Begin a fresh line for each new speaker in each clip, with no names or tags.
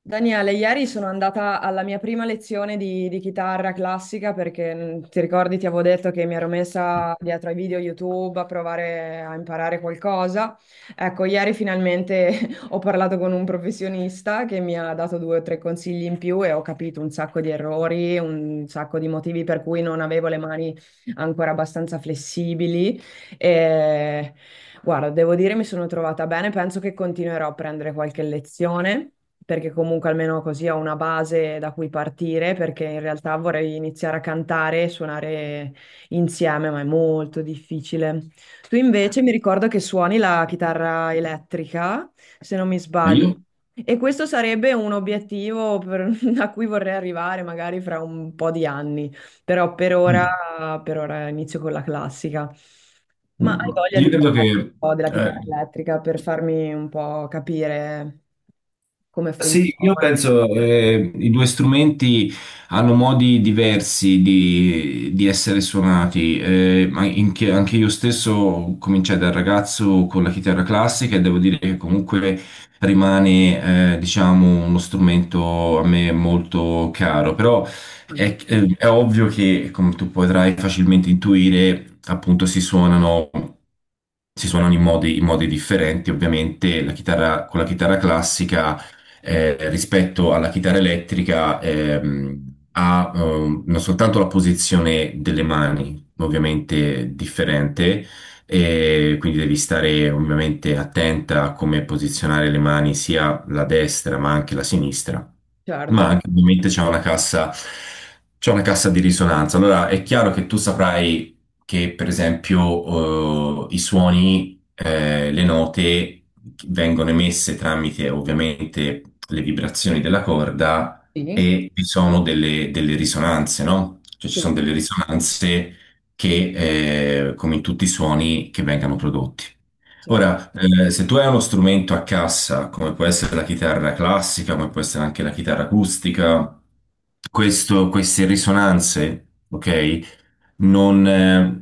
Daniele, ieri sono andata alla mia prima lezione di chitarra classica perché ti ricordi, ti avevo detto che mi ero messa dietro ai video YouTube a provare a imparare qualcosa. Ecco, ieri finalmente ho parlato con un professionista che mi ha dato due o tre consigli in più e ho capito un sacco di errori, un sacco di motivi per cui non avevo le mani ancora abbastanza flessibili. E... Guarda, devo dire mi sono trovata bene, penso che continuerò a prendere qualche lezione, perché comunque almeno così ho una base da cui partire, perché in realtà vorrei iniziare a cantare e suonare insieme, ma è molto difficile. Tu invece mi ricordo che suoni la chitarra elettrica, se non mi
Ma
sbaglio,
io,
e questo sarebbe un obiettivo a cui vorrei arrivare magari fra un po' di anni. Però
mm,
per ora inizio con la classica. Ma hai
mm,
voglia
io
di
credo che
parlare un po' della
eh,
chitarra elettrica per farmi un po' capire come
Sì,
funziona?
io penso i due strumenti hanno modi diversi di essere suonati. Anche io stesso cominciai da ragazzo con la chitarra classica e devo dire che comunque rimane, diciamo, uno strumento a me molto caro. Però
Mm,
è, è ovvio che, come tu potrai facilmente intuire, appunto si suonano in modi differenti. Ovviamente la chitarra, con la chitarra classica rispetto alla chitarra elettrica ha non soltanto la posizione delle mani, ovviamente differente, e quindi devi stare ovviamente attenta a come posizionare le mani, sia la destra ma anche la sinistra, ma
certo,
anche ovviamente c'è una cassa di risonanza. Allora è chiaro che tu saprai che per esempio i suoni, le note vengono emesse tramite ovviamente le vibrazioni della corda
sì,
e vi sono delle risonanze, no? Cioè ci
sì,
sono delle risonanze che, come in tutti i suoni, che vengano prodotti.
certo.
Ora, se tu hai uno strumento a cassa, come può essere la chitarra classica, come può essere anche la chitarra acustica, queste risonanze, ok? non,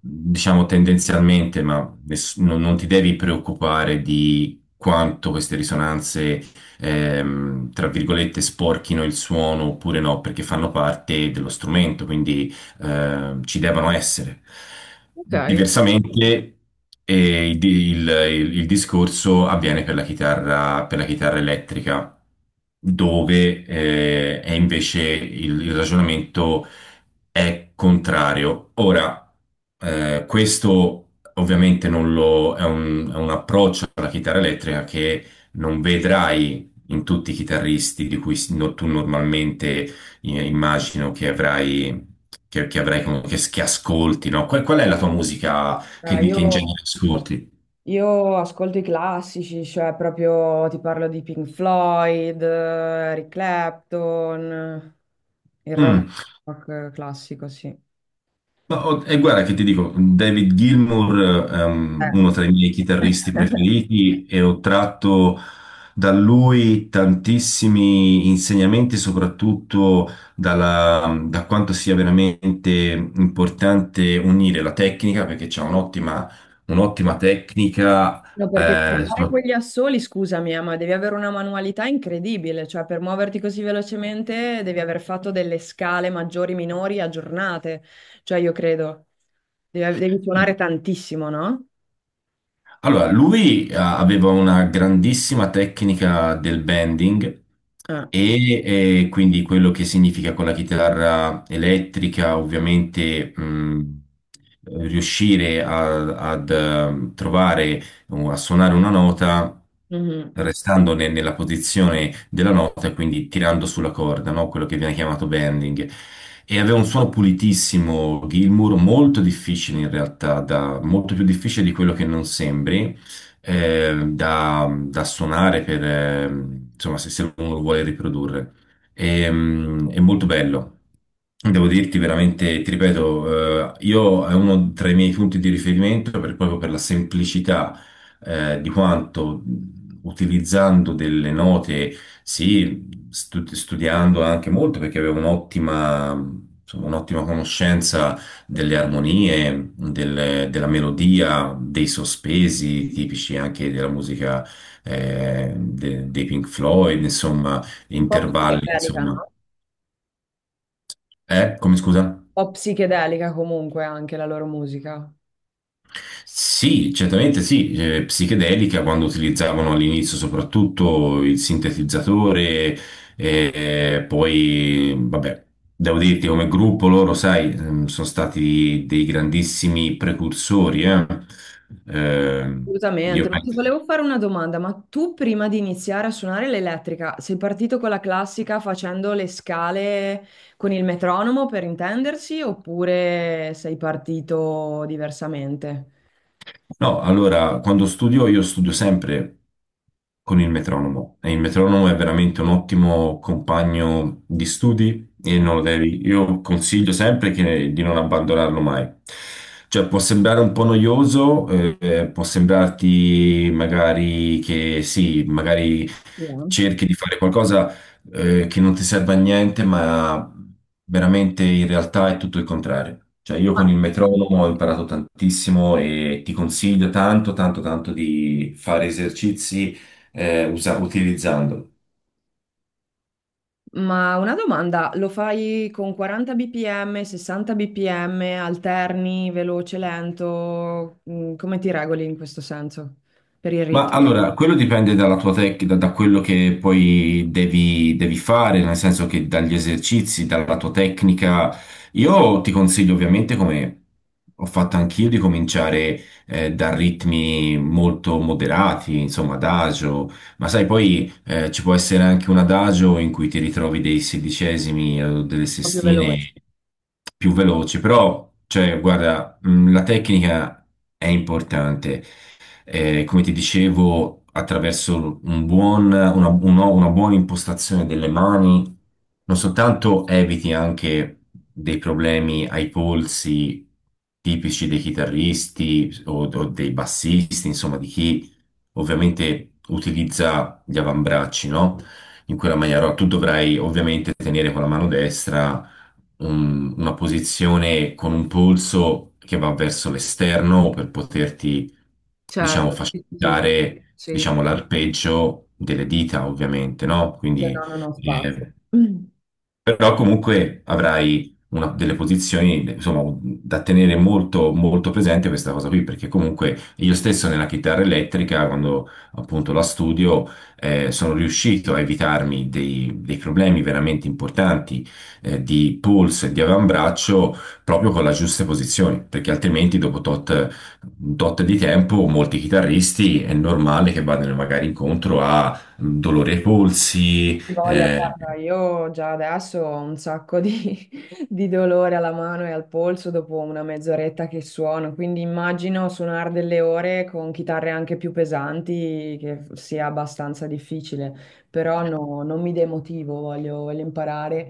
Diciamo tendenzialmente, ma non ti devi preoccupare di quanto queste risonanze, tra virgolette, sporchino il suono oppure no, perché fanno parte dello strumento, quindi ci devono essere.
Ok.
Diversamente, eh, il, il- il discorso avviene per la chitarra elettrica, dove è invece il ragionamento è contrario. Ora, questo ovviamente non lo, è un approccio alla chitarra elettrica che non vedrai in tutti i chitarristi di cui si- no- tu normalmente immagino che avrai con- che ascolti, no? Qual è la tua musica che
Io,
in genere ascolti?
io ascolto i classici, cioè proprio ti parlo di Pink Floyd, Eric Clapton, il rock,
Mm.
rock classico, sì.
E guarda che ti dico, David Gilmour è uno tra i miei
Eh.
chitarristi preferiti e ho tratto da lui tantissimi insegnamenti, soprattutto da quanto sia veramente importante unire la tecnica, perché c'è un'ottima tecnica.
No, perché per
eh,
fare
so-
quegli assoli, scusami, ma devi avere una manualità incredibile, cioè per muoverti così velocemente devi aver fatto delle scale maggiori, minori, aggiornate, cioè io credo, devi suonare tantissimo, no?
allora, lui aveva una grandissima tecnica del bending.
Eh.
Quindi quello che significa con la chitarra elettrica, ovviamente, riuscire a- ad trovare, o a suonare una nota
Mhm.
restando nella posizione della nota, quindi tirando sulla corda, no? Quello che viene chiamato bending. E aveva un suono pulitissimo, Gilmour, molto difficile in realtà, molto più difficile di quello che non sembri da suonare insomma, se uno lo vuole riprodurre. È molto bello. Devo dirti veramente, ti ripeto, io è uno tra i miei punti di riferimento proprio per la semplicità, di quanto, utilizzando delle note, sì, studiando anche molto, perché avevo un'ottima conoscenza delle armonie, della melodia, dei sospesi tipici anche della musica, dei Pink Floyd, insomma,
Un po'
intervalli,
psichedelica, no?
insomma. Come scusa?
Un po' psichedelica comunque anche la loro musica.
Sì, certamente sì, psichedelica quando utilizzavano all'inizio soprattutto il sintetizzatore, e poi vabbè, devo dirti come gruppo loro, sai, sono stati dei grandissimi precursori, eh. Eh,
Assolutamente,
io
ma ti
penso.
volevo fare una domanda, ma tu prima di iniziare a suonare l'elettrica sei partito con la classica facendo le scale con il metronomo per intendersi oppure sei partito diversamente?
No, allora, quando studio, io studio sempre con il metronomo, e il metronomo è veramente un ottimo compagno di studi e
Sì,
non lo devi, io consiglio sempre di non abbandonarlo mai. Cioè, può sembrare un po' noioso, può sembrarti magari che sì, magari
eh.
cerchi di fare qualcosa che non ti serve a niente, ma veramente in realtà è tutto il contrario. Cioè, io
Ma,
con il metronomo ho imparato tantissimo, e ti consiglio tanto, tanto, tanto di fare esercizi utilizzandolo.
ma una domanda, lo fai con 40 bpm, 60 bpm, alterni, veloce, lento? Mm, come ti regoli in questo senso per il
Ma
ritmo?
allora, quello dipende dalla tua tecnica, da quello che poi devi fare, nel senso che dagli esercizi, dalla tua tecnica. Io ti consiglio ovviamente, come ho fatto anch'io, di cominciare da ritmi molto moderati, insomma, adagio, ma sai, poi ci può essere anche un adagio in cui ti ritrovi dei sedicesimi o delle
Proprio veloce.
sestine più veloci, però, cioè, guarda, la tecnica è importante. Come ti dicevo, attraverso un buon- una buona impostazione delle mani, non soltanto eviti anche dei problemi ai polsi tipici dei chitarristi o dei bassisti, insomma, di chi ovviamente utilizza gli avambracci, no? In quella maniera, no, tu dovrai ovviamente tenere con la mano destra una posizione con un polso che va verso l'esterno per poterti, diciamo,
Certo, sì, sì,
facilitare,
sì.
diciamo, l'arpeggio delle dita, ovviamente, no?
Dice,
Quindi
no, non ho spazio.
eh, però comunque avrai delle posizioni, insomma, da tenere molto, molto presente questa cosa qui, perché comunque io stesso nella chitarra elettrica, quando appunto la studio, sono riuscito a evitarmi dei problemi veramente importanti, di polso e di avambraccio, proprio con le giuste posizioni, perché altrimenti dopo tot di tempo molti chitarristi è normale che vadano magari incontro a dolore ai polsi,
Hai voglia,
eh.
guarda, io già adesso ho un sacco di, di dolore alla mano e al polso dopo una mezz'oretta che suono, quindi immagino suonare delle ore con chitarre anche più pesanti che sia abbastanza difficile, però no, non mi demotivo, voglio imparare.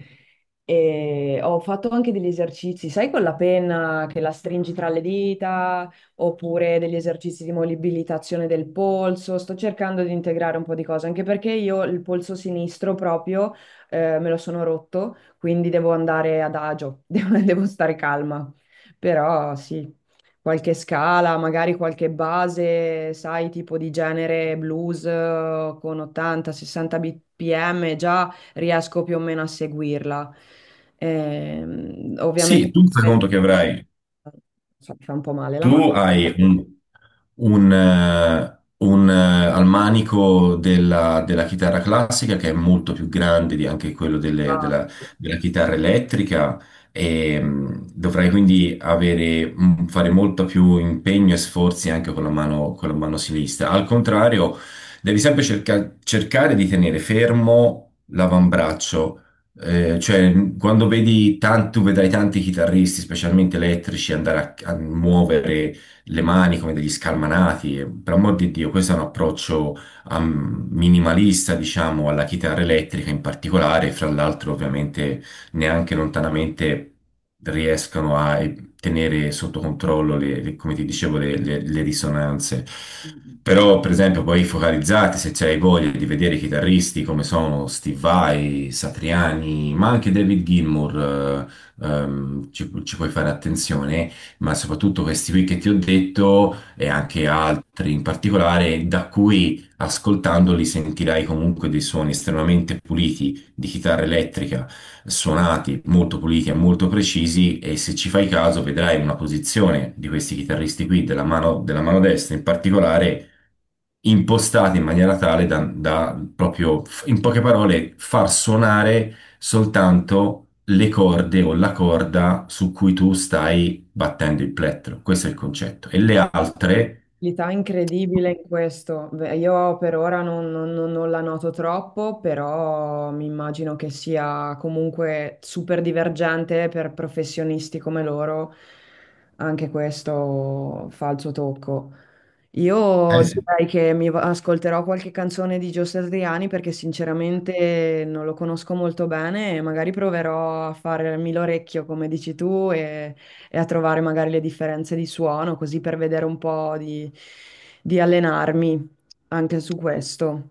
E ho fatto anche degli esercizi, sai, con la penna che la stringi tra le dita oppure degli esercizi di mobilitazione del polso. Sto cercando di integrare un po' di cose, anche perché io il polso sinistro proprio me lo sono rotto, quindi devo andare ad agio, devo stare calma. Però sì, qualche scala, magari qualche base, sai, tipo di genere blues con 80-60 bpm, già riesco più o meno a seguirla. Ovviamente
Sì, tu fai conto che avrai,
so, mi fa un po' male la mano.
tu hai al manico della chitarra classica, che è molto più grande di anche quello della, della chitarra elettrica, e, dovrai quindi avere, fare molto più impegno e sforzi anche con la mano sinistra. Al contrario, devi sempre cercare di tenere fermo l'avambraccio, cioè, quando vedi tanti, tu vedrai tanti chitarristi, specialmente elettrici, andare a muovere le mani come degli scalmanati. Per amor di Dio, questo è un approccio minimalista, diciamo, alla chitarra elettrica in particolare. Fra l'altro, ovviamente, neanche lontanamente riescono a tenere sotto controllo come ti dicevo, le risonanze. Però, per esempio, poi focalizzati, se c'hai voglia di vedere i chitarristi come sono Steve Vai, Satriani, ma anche David Gilmour, ci puoi fare attenzione, ma soprattutto questi qui che ti ho detto e anche altri in particolare, da cui ascoltandoli sentirai comunque dei suoni estremamente puliti di chitarra elettrica, suonati molto puliti e molto precisi, e se ci fai caso vedrai una posizione di questi chitarristi qui, della mano destra in particolare, impostati in maniera tale da, da proprio, in poche parole, far suonare soltanto le corde o la corda su cui tu stai battendo il plettro. Questo è il concetto. E le altre...
L'età incredibile in questo. Beh, io per ora non la noto troppo, però mi immagino che sia comunque super divergente per professionisti come loro. Anche questo fa il suo tocco.
Eh
Io
sì.
direi che ascolterò qualche canzone di Gio Satriani perché sinceramente non lo conosco molto bene e magari proverò a farmi l'orecchio, come dici tu, e a trovare magari le differenze di suono, così per vedere un po' di, allenarmi anche su questo.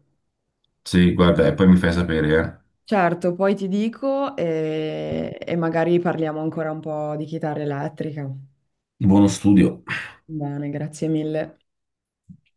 Sì, guarda, e poi mi fai sapere, eh.
Certo, poi ti dico e magari parliamo ancora un po' di chitarra elettrica.
Buono studio.
Bene, grazie mille.